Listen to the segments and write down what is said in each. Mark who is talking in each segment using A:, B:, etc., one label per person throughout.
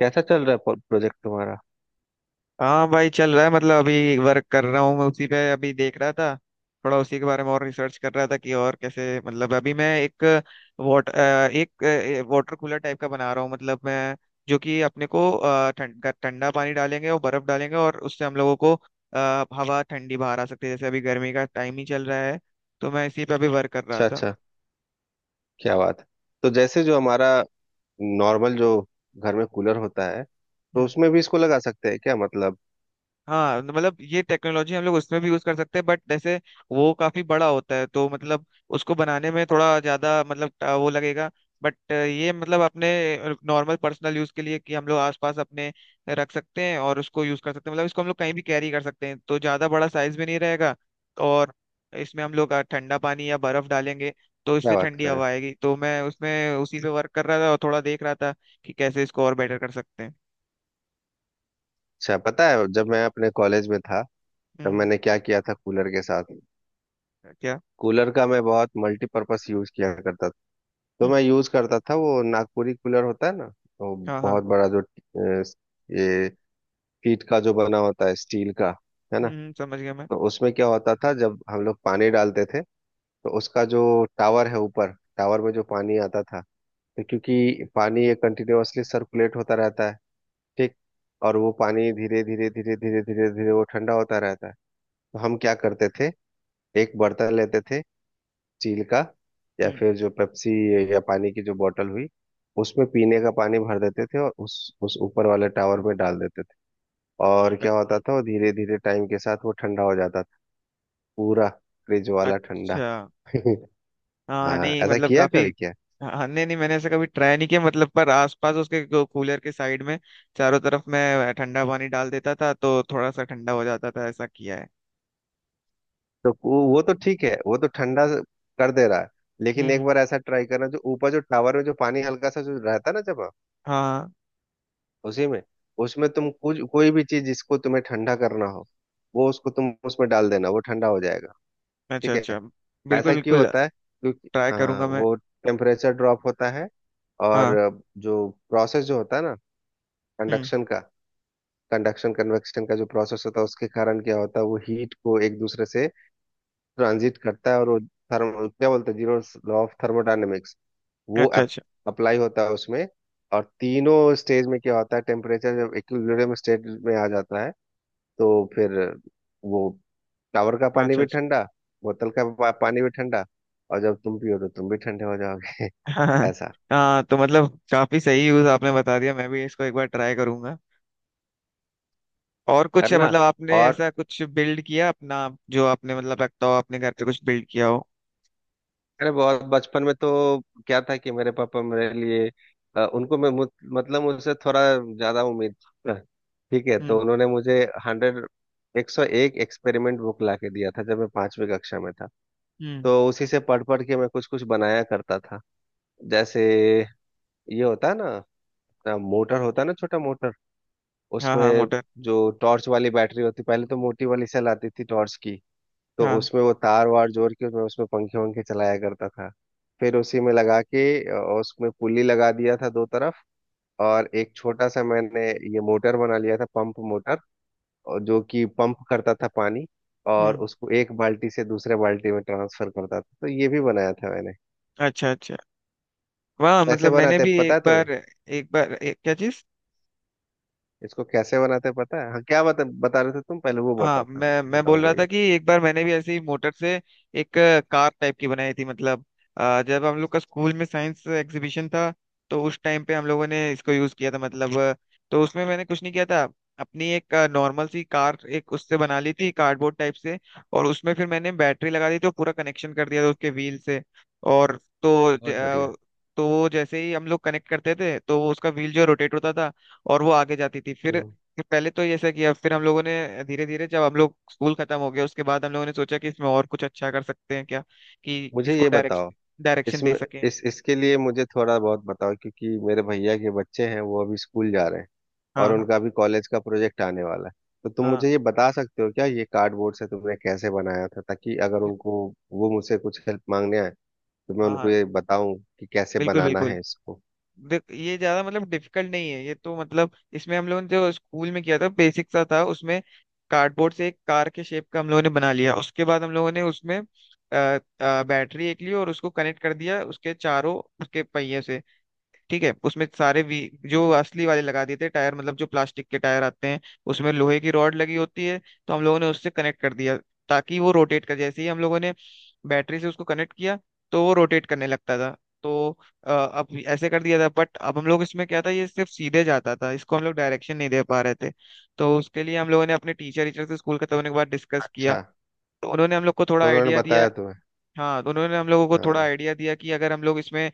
A: कैसा चल रहा है प्रोजेक्ट तुम्हारा।
B: हाँ भाई, चल रहा है। मतलब अभी वर्क कर रहा हूँ मैं, उसी पे अभी देख रहा था। थोड़ा उसी के बारे में और रिसर्च कर रहा था कि और कैसे। मतलब अभी मैं एक वाटर कूलर टाइप का बना रहा हूँ मतलब मैं। जो कि अपने को ठंडा पानी डालेंगे और बर्फ डालेंगे, और उससे हम लोगों को हवा ठंडी बाहर आ सकती है। जैसे अभी गर्मी का टाइम ही चल रहा है, तो मैं इसी पे अभी वर्क कर रहा
A: अच्छा
B: था।
A: अच्छा, क्या बात है। तो जैसे जो हमारा नॉर्मल जो घर में कूलर होता है तो उसमें भी इसको लगा सकते हैं क्या मतलब।
B: हाँ, तो मतलब ये टेक्नोलॉजी हम लोग उसमें भी यूज कर सकते हैं, बट जैसे वो काफी बड़ा होता है, तो मतलब उसको बनाने में थोड़ा ज्यादा मतलब वो लगेगा। बट ये मतलब अपने नॉर्मल पर्सनल यूज के लिए कि हम लोग आसपास अपने रख सकते हैं और उसको यूज कर सकते हैं। मतलब इसको हम लोग कहीं भी कैरी कर सकते हैं, तो ज्यादा बड़ा साइज भी नहीं रहेगा। और इसमें हम लोग ठंडा पानी या बर्फ डालेंगे, तो
A: क्या
B: इससे
A: बात
B: ठंडी
A: करें।
B: हवा आएगी। तो मैं उसमें उसी पे वर्क कर रहा था, और थोड़ा देख रहा था कि कैसे इसको और बेटर कर सकते हैं।
A: अच्छा पता है जब मैं अपने कॉलेज में था तब
B: हम्म।
A: मैंने क्या किया था कूलर के साथ।
B: क्या?
A: कूलर का मैं बहुत मल्टीपर्पस यूज किया करता था। तो मैं
B: हम्म।
A: यूज करता था, वो नागपुरी कूलर होता है ना, वो
B: हाँ, हाँ।
A: बहुत बड़ा जो ये पीठ का जो बना होता है स्टील का, है ना।
B: हम्म, समझ गया मैं।
A: तो उसमें क्या होता था जब हम लोग पानी डालते थे तो उसका जो टावर है ऊपर टावर में जो पानी आता था, तो क्योंकि पानी ये कंटिन्यूअसली सर्कुलेट होता रहता है, ठीक, और वो पानी धीरे धीरे धीरे धीरे धीरे धीरे वो ठंडा होता रहता है। तो हम क्या करते थे, एक बर्तन लेते थे स्टील का, या
B: हम्म।
A: फिर जो पेप्सी या पानी की जो बोतल हुई, उसमें पीने का पानी भर देते थे और उस ऊपर वाले टावर में डाल देते थे। और
B: अ-
A: क्या होता था, वो धीरे धीरे टाइम के साथ वो ठंडा हो जाता था, पूरा फ्रिज वाला ठंडा
B: अच्छा। हाँ,
A: हाँ,
B: नहीं
A: ऐसा
B: मतलब
A: किया
B: काफी।
A: कभी क्या।
B: हाँ, नहीं नहीं, मैंने ऐसा कभी ट्राई नहीं किया। मतलब पर आसपास उसके कूलर के साइड में चारों तरफ मैं ठंडा पानी डाल देता था, तो थोड़ा सा ठंडा हो जाता था, ऐसा किया है।
A: तो वो तो ठीक है, वो तो ठंडा कर दे रहा है,
B: हम्म,
A: लेकिन एक बार ऐसा ट्राई करना, जो ऊपर जो टावर में जो पानी हल्का सा जो रहता है ना जमा,
B: हाँ।
A: उसी में, उसमें तुम कुछ कोई भी चीज जिसको तुम्हें ठंडा करना हो, वो उसको तुम उसमें डाल देना, वो ठंडा हो जाएगा।
B: अच्छा,
A: ठीक
B: अच्छा।
A: है।
B: बिल्कुल,
A: ऐसा क्यों
B: बिल्कुल।
A: होता है, क्योंकि
B: ट्राई
A: हाँ
B: करूंगा मैं।
A: वो टेम्परेचर ड्रॉप होता है और
B: हाँ।
A: जो प्रोसेस जो होता है ना,
B: हम्म।
A: कंडक्शन का, कंडक्शन कन्वेक्शन का जो प्रोसेस होता है उसके कारण क्या होता है, वो हीट को एक दूसरे से ट्रांजिट करता है, और वो थर्म क्या बोलते हैं, जीरो लॉ ऑफ थर्मोडायनेमिक्स, वो
B: अच्छा, अच्छा,
A: अप्लाई होता है उसमें। और तीनों स्टेज में क्या होता है, टेम्परेचर जब इक्विलिब्रियम स्टेट में आ जाता है तो फिर वो टावर का पानी
B: अच्छा,
A: भी
B: अच्छा।
A: ठंडा, पानी भी ठंडा, और जब तुम पियो तो तुम भी ठंडे हो जाओगे।
B: हाँ।
A: ऐसा
B: हाँ, तो मतलब काफी सही यूज आपने बता दिया, मैं भी इसको एक बार ट्राई करूंगा। और कुछ है
A: करना।
B: मतलब, आपने
A: और
B: ऐसा कुछ बिल्ड किया अपना, जो आपने मतलब रखता हो, आपने घर पे कुछ बिल्ड किया हो?
A: अरे बहुत बचपन में तो क्या था कि मेरे पापा मेरे लिए उनको मैं मतलब मुझसे थोड़ा ज्यादा उम्मीद था। ठीक है, तो
B: हम्म,
A: उन्होंने मुझे हंड्रेड 101 एक्सपेरिमेंट बुक ला के दिया था जब मैं 5वीं कक्षा में था।
B: हम्म।
A: तो उसी से पढ़ पढ़ के मैं कुछ कुछ बनाया करता था। जैसे ये होता है ना, मोटर होता है ना, छोटा मोटर,
B: हाँ, हाँ।
A: उसमें
B: मोटर।
A: जो टॉर्च वाली बैटरी होती, पहले तो मोटी वाली सेल आती थी टॉर्च की, तो
B: हाँ।
A: उसमें वो तार वार जोड़ के मैं उसमें पंखे वंखे चलाया करता था। फिर उसी में लगा के, और उसमें पुली लगा दिया था 2 तरफ, और एक छोटा सा मैंने ये मोटर बना लिया था, पंप मोटर, और जो कि पंप करता था पानी, और
B: हम्म।
A: उसको एक बाल्टी से दूसरे बाल्टी में ट्रांसफर करता था, तो ये भी बनाया था मैंने।
B: अच्छा, अच्छा। वाह,
A: कैसे
B: मतलब मैंने
A: बनाते हैं
B: भी
A: पता है तुम्हें,
B: एक बार क्या चीज।
A: इसको कैसे बनाते हैं पता है। हाँ क्या बता बता रहे थे तुम, पहले वो
B: हाँ,
A: बताओ, फिर
B: मैं बोल
A: बताऊंगा
B: रहा था
A: ये।
B: कि एक बार मैंने भी ऐसे ही मोटर से एक कार टाइप की बनाई थी। मतलब जब हम लोग का स्कूल में साइंस एग्जीबिशन था, तो उस टाइम पे हम लोगों ने इसको यूज किया था मतलब। तो उसमें मैंने कुछ नहीं किया था, अपनी एक नॉर्मल सी कार एक उससे बना ली थी कार्डबोर्ड टाइप से। और उसमें फिर मैंने बैटरी लगा दी, तो पूरा कनेक्शन कर दिया था उसके व्हील से। और तो
A: बहुत बढ़िया।
B: तो वो जैसे ही हम लोग कनेक्ट करते थे, तो वो उसका व्हील जो रोटेट होता था, और वो आगे जाती थी। फिर
A: हम्म।
B: कि पहले तो ये ऐसा किया, फिर हम लोगों ने धीरे धीरे, जब हम लोग स्कूल खत्म हो गया, उसके बाद हम लोगों ने सोचा कि इसमें और कुछ अच्छा कर सकते हैं क्या, कि
A: मुझे
B: इसको
A: ये बताओ
B: डायरेक्शन डायरेक्शन दे
A: इसमें,
B: सकें।
A: इस इसके लिए मुझे थोड़ा बहुत बताओ, क्योंकि मेरे भैया के बच्चे हैं, वो अभी स्कूल जा रहे हैं और
B: हाँ, हाँ,
A: उनका अभी कॉलेज का प्रोजेक्ट आने वाला है। तो तुम
B: हाँ,
A: मुझे ये बता सकते हो क्या, ये कार्डबोर्ड से तुमने कैसे बनाया था, ताकि अगर उनको वो मुझसे कुछ हेल्प मांगने आए तो मैं
B: हाँ,
A: उनको
B: हाँ।
A: ये बताऊं कि कैसे
B: बिल्कुल,
A: बनाना
B: बिल्कुल।
A: है इसको।
B: देख, ये ज्यादा मतलब डिफिकल्ट नहीं है। ये तो मतलब इसमें हम लोगों ने जो स्कूल में किया था बेसिक सा था उसमें। कार्डबोर्ड से एक कार के शेप का हम लोगों ने बना लिया। उसके बाद हम लोगों ने उसमें बैटरी एक ली और उसको कनेक्ट कर दिया उसके चारों, उसके पहिए से। ठीक है, उसमें सारे वी जो असली वाले लगा दिए थे टायर, मतलब जो प्लास्टिक के टायर आते हैं उसमें लोहे की रॉड लगी होती है, तो हम लोगों ने उससे कनेक्ट कर दिया ताकि वो रोटेट कर। जैसे ही हम लोगों ने बैटरी से उसको कनेक्ट किया, तो वो रोटेट करने लगता था। तो अब ऐसे कर दिया था, बट अब हम लोग इसमें क्या था, ये सिर्फ सीधे जाता था, इसको हम लोग डायरेक्शन नहीं दे पा रहे थे। तो उसके लिए हम लोगों ने अपने टीचर टीचर से स्कूल खत्म होने के बाद डिस्कस किया।
A: अच्छा,
B: तो उन्होंने हम लोग को थोड़ा
A: तो उन्होंने
B: आइडिया
A: बताया
B: दिया।
A: तुम्हें।
B: हाँ, तो उन्होंने हम लोगों को थोड़ा
A: हाँ।
B: आइडिया दिया कि अगर हम लोग इसमें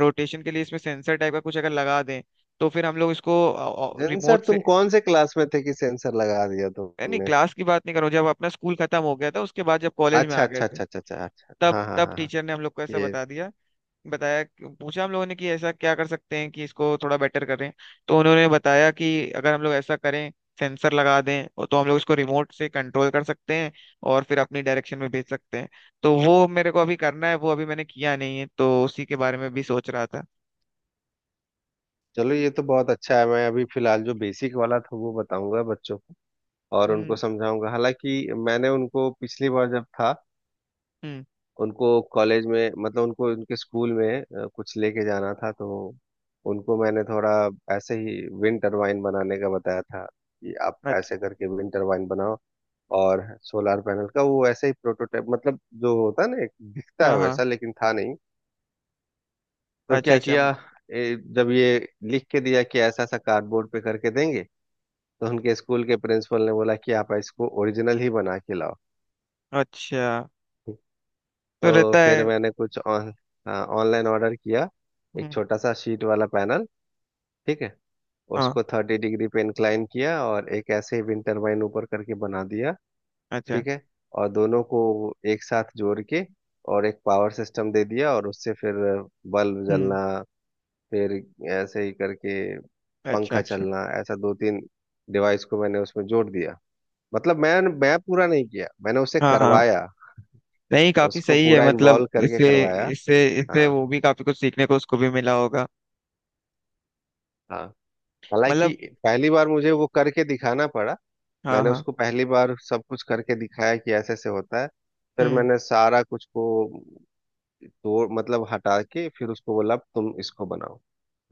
B: रोटेशन के लिए इसमें सेंसर टाइप का कुछ अगर लगा दें, तो फिर हम लोग इसको
A: सेंसर,
B: रिमोट से।
A: तुम कौन से क्लास में थे कि सेंसर लगा दिया
B: नहीं,
A: तुमने।
B: क्लास की बात नहीं करूँ, जब अपना स्कूल खत्म हो गया था, उसके बाद जब कॉलेज में
A: अच्छा
B: आ गए
A: अच्छा
B: थे,
A: अच्छा अच्छा अच्छा अच्छा,
B: तब
A: हाँ हाँ
B: तब
A: हाँ हाँ।
B: टीचर ने हम लोग को ऐसा
A: ये,
B: बता दिया, बताया। पूछा हम लोगों ने कि ऐसा क्या कर सकते हैं कि इसको थोड़ा बेटर करें। तो उन्होंने बताया कि अगर हम लोग ऐसा करें, सेंसर लगा दें, और तो हम लोग इसको रिमोट से कंट्रोल कर सकते हैं, और फिर अपनी डायरेक्शन में भेज सकते हैं। तो वो मेरे को अभी करना है, वो अभी मैंने किया नहीं है, तो उसी के बारे में भी सोच रहा था।
A: चलो ये तो बहुत अच्छा है। मैं अभी फिलहाल जो बेसिक वाला था वो बताऊंगा बच्चों को और उनको
B: हम्म,
A: समझाऊंगा। हालांकि मैंने उनको पिछली बार जब था,
B: हम्म।
A: उनको कॉलेज में, मतलब उनको उनके स्कूल में कुछ लेके जाना था, तो उनको मैंने थोड़ा ऐसे ही विंड टरबाइन बनाने का बताया था कि आप
B: अच्छा।
A: ऐसे करके विंड टरबाइन बनाओ, और सोलार पैनल का वो ऐसे ही प्रोटोटाइप, मतलब जो होता है ना, एक दिखता है
B: हाँ, हाँ।
A: वैसा लेकिन था नहीं। तो
B: अच्छा,
A: क्या
B: अच्छा,
A: किया, जब ये लिख के दिया कि ऐसा ऐसा कार्डबोर्ड पे करके देंगे, तो उनके स्कूल के प्रिंसिपल ने बोला कि आप इसको ओरिजिनल ही बना के लाओ।
B: अच्छा। तो
A: तो
B: रहता
A: फिर
B: है।
A: मैंने कुछ ऑन हाँ, ऑनलाइन ऑर्डर किया,
B: हम्म,
A: एक छोटा सा शीट वाला पैनल, ठीक है,
B: हाँ।
A: उसको 30 डिग्री पे इंक्लाइन किया और एक ऐसे ही विंड टरबाइन ऊपर करके बना दिया।
B: अच्छा।
A: ठीक है। और दोनों को एक साथ जोड़ के और एक पावर सिस्टम दे दिया, और उससे फिर बल्ब
B: हम्म।
A: जलना, फिर ऐसे ही करके
B: अच्छा,
A: पंखा
B: अच्छा।
A: चलना, ऐसा 2-3 डिवाइस को मैंने उसमें जोड़ दिया। मतलब मैं पूरा नहीं किया, मैंने उसे
B: हाँ, हाँ।
A: करवाया,
B: नहीं, काफी
A: उसको
B: सही है,
A: पूरा
B: मतलब
A: इन्वॉल्व करके
B: इससे
A: करवाया।
B: इससे इससे
A: हाँ
B: वो भी काफी कुछ सीखने को उसको भी मिला होगा,
A: हाँ। हालांकि
B: मतलब।
A: पहली बार मुझे वो करके दिखाना पड़ा,
B: हाँ,
A: मैंने
B: हाँ।
A: उसको पहली बार सब कुछ करके दिखाया कि ऐसे ऐसे होता है, फिर
B: हम्म।
A: मैंने सारा कुछ को तोड़, मतलब हटा के फिर उसको बोला, "अब तुम इसको बनाओ।"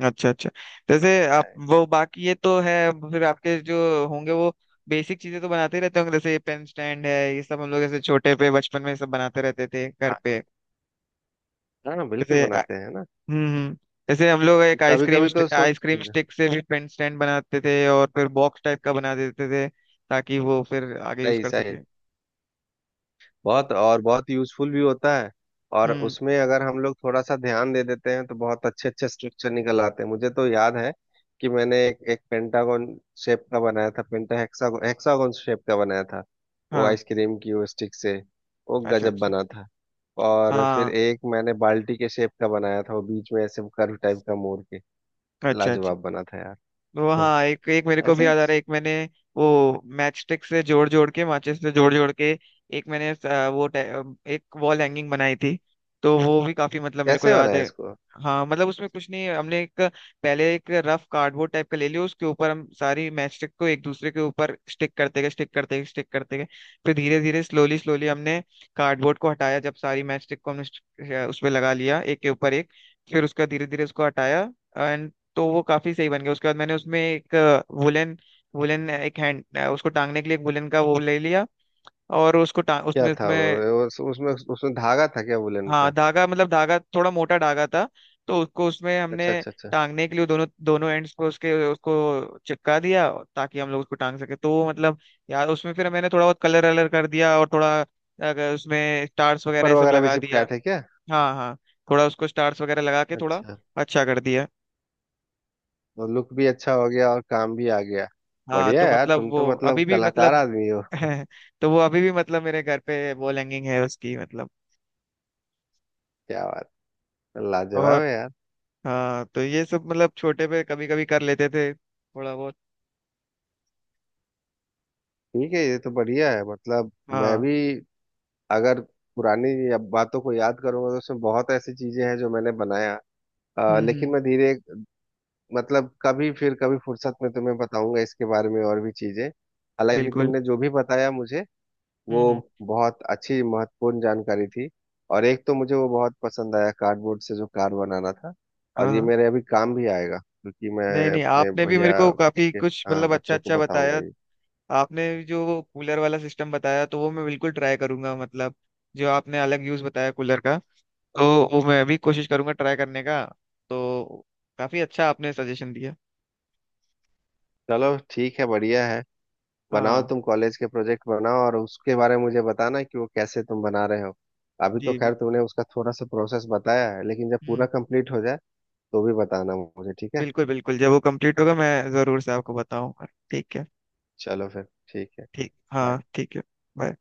B: अच्छा, अच्छा। जैसे आप वो बाकी ये तो है, फिर आपके जो होंगे वो बेसिक चीजें तो बनाते ही रहते होंगे। जैसे पेन स्टैंड है ये सब, हम लोग जैसे छोटे पे बचपन में सब बनाते रहते थे घर पे।
A: हाँ हाँ, बिल्कुल
B: जैसे आ-
A: बनाते हैं ना।
B: हम्म, जैसे हम लोग एक
A: कभी
B: आइसक्रीम
A: कभी तो सोच।
B: आइसक्रीम स्टिक से भी पेन स्टैंड बनाते थे, और फिर बॉक्स टाइप का बना देते थे ताकि वो फिर आगे यूज
A: सही
B: कर
A: सही,
B: सके।
A: बहुत और बहुत यूजफुल भी होता है, और
B: हम्म।
A: उसमें अगर हम लोग थोड़ा सा ध्यान दे देते हैं तो बहुत अच्छे अच्छे स्ट्रक्चर निकल आते हैं। मुझे तो याद है कि मैंने एक पेंटागोन शेप का बनाया था, पेंटा हेक्सागोन, हेक्सागोन शेप का बनाया था, वो
B: हाँ।
A: आइसक्रीम की वो स्टिक से, वो
B: अच्छा,
A: गजब
B: अच्छा।
A: बना था। और फिर
B: हाँ।
A: एक मैंने बाल्टी के शेप का बनाया था, वो बीच में ऐसे कर्व टाइप का मोड़ के,
B: अच्छा, अच्छा।
A: लाजवाब बना था यार।
B: वो, हाँ, एक एक मेरे को भी
A: ऐसे।
B: याद आ रहा है। एक मैंने वो मैच स्टिक से जोड़ जोड़ के, माचिस से जोड़ जोड़ के, एक मैंने एक वॉल हैंगिंग बनाई थी, तो वो भी काफी मतलब मेरे को
A: कैसे
B: याद
A: बनाया
B: है।
A: इसको,
B: हाँ, मतलब उसमें कुछ नहीं है, हमने एक पहले एक रफ कार्डबोर्ड टाइप का ले लिया। उसके ऊपर हम सारी मैच स्टिक को एक दूसरे के ऊपर स्टिक करते गए, स्टिक करते गए, स्टिक करते गए। फिर धीरे धीरे, स्लोली स्लोली, हमने कार्डबोर्ड को हटाया, जब सारी मैच स्टिक को हमने उस पे लगा लिया एक के ऊपर एक। फिर उसका धीरे धीरे उसको हटाया। तो वो काफी सही बन गया, उसके बाद मैंने उसमें एक वुलन वुलन एक हैंड उसको टांगने के लिए, एक वुलन का वो ले लिया, और उसको टांग
A: क्या
B: उसमें
A: था वो,
B: उसमें।
A: उसमें उसमें धागा था क्या वुलन
B: हाँ,
A: का।
B: धागा, मतलब धागा थोड़ा मोटा धागा था। तो उसको उसमें हमने
A: अच्छा अच्छा अच्छा।
B: टांगने के लिए दोनों दोनों एंड्स को उसके उसको चिपका दिया, ताकि हम लोग उसको टांग सके, तो वो मतलब। यार, उसमें फिर मैंने थोड़ा बहुत कलर वलर कर दिया, और थोड़ा अगर उसमें स्टार्स वगैरह
A: पर
B: ये सब
A: वगैरह भी
B: लगा
A: चिपकाया
B: दिया।
A: था क्या।
B: हाँ, हाँ। थोड़ा उसको स्टार्स वगैरह लगा के थोड़ा
A: अच्छा,
B: अच्छा कर दिया।
A: तो लुक भी अच्छा हो गया और काम भी आ गया।
B: हाँ,
A: बढ़िया
B: तो
A: यार,
B: मतलब
A: तुम
B: वो
A: तो मतलब
B: अभी भी
A: कलाकार
B: मतलब
A: आदमी हो।
B: तो वो अभी भी मतलब मेरे घर पे वो हैंगिंग है उसकी, मतलब।
A: क्या बात, लाजवाब
B: और
A: है यार।
B: हाँ, तो ये सब मतलब छोटे पे कभी कभी कर लेते थे थोड़ा बहुत।
A: ठीक है, ये तो बढ़िया है, मतलब। मैं
B: हाँ।
A: भी अगर पुरानी बातों को याद करूंगा तो उसमें बहुत ऐसी चीजें हैं जो मैंने बनाया,
B: हम्म,
A: लेकिन
B: हम्म।
A: मैं धीरे, मतलब कभी फिर कभी फुर्सत में तुम्हें बताऊंगा इसके बारे में और भी चीजें। हालांकि
B: बिल्कुल।
A: तुमने जो भी बताया मुझे, वो
B: हम्म, हम्म।
A: बहुत अच्छी महत्वपूर्ण जानकारी थी। और एक तो मुझे वो बहुत पसंद आया कार्डबोर्ड से जो कार बनाना था, और ये
B: हाँ,
A: मेरे अभी काम भी आएगा क्योंकि मैं
B: नहीं नहीं,
A: अपने
B: आपने भी मेरे
A: भैया
B: को काफी
A: के,
B: कुछ
A: हाँ,
B: मतलब अच्छा
A: बच्चों को
B: अच्छा
A: बताऊंगा
B: बताया।
A: ये।
B: आपने जो वो कूलर वाला सिस्टम बताया, तो वो मैं बिल्कुल ट्राई करूंगा, मतलब जो आपने अलग यूज बताया कूलर का, तो वो मैं भी कोशिश करूंगा ट्राई करने का, तो काफी अच्छा आपने सजेशन दिया।
A: चलो ठीक है, बढ़िया है। बनाओ,
B: हाँ।
A: तुम कॉलेज के प्रोजेक्ट बनाओ, और उसके बारे में मुझे बताना कि वो कैसे तुम बना रहे हो। अभी तो
B: जी।
A: खैर तुमने उसका थोड़ा सा प्रोसेस बताया है, लेकिन जब पूरा
B: हम्म।
A: कंप्लीट हो जाए तो भी बताना मुझे, ठीक है।
B: बिल्कुल, बिल्कुल, जब वो कंप्लीट होगा मैं जरूर से आपको बताऊंगा। ठीक है।
A: चलो फिर ठीक है।
B: ठीक,
A: bye।
B: हाँ, ठीक है। bye।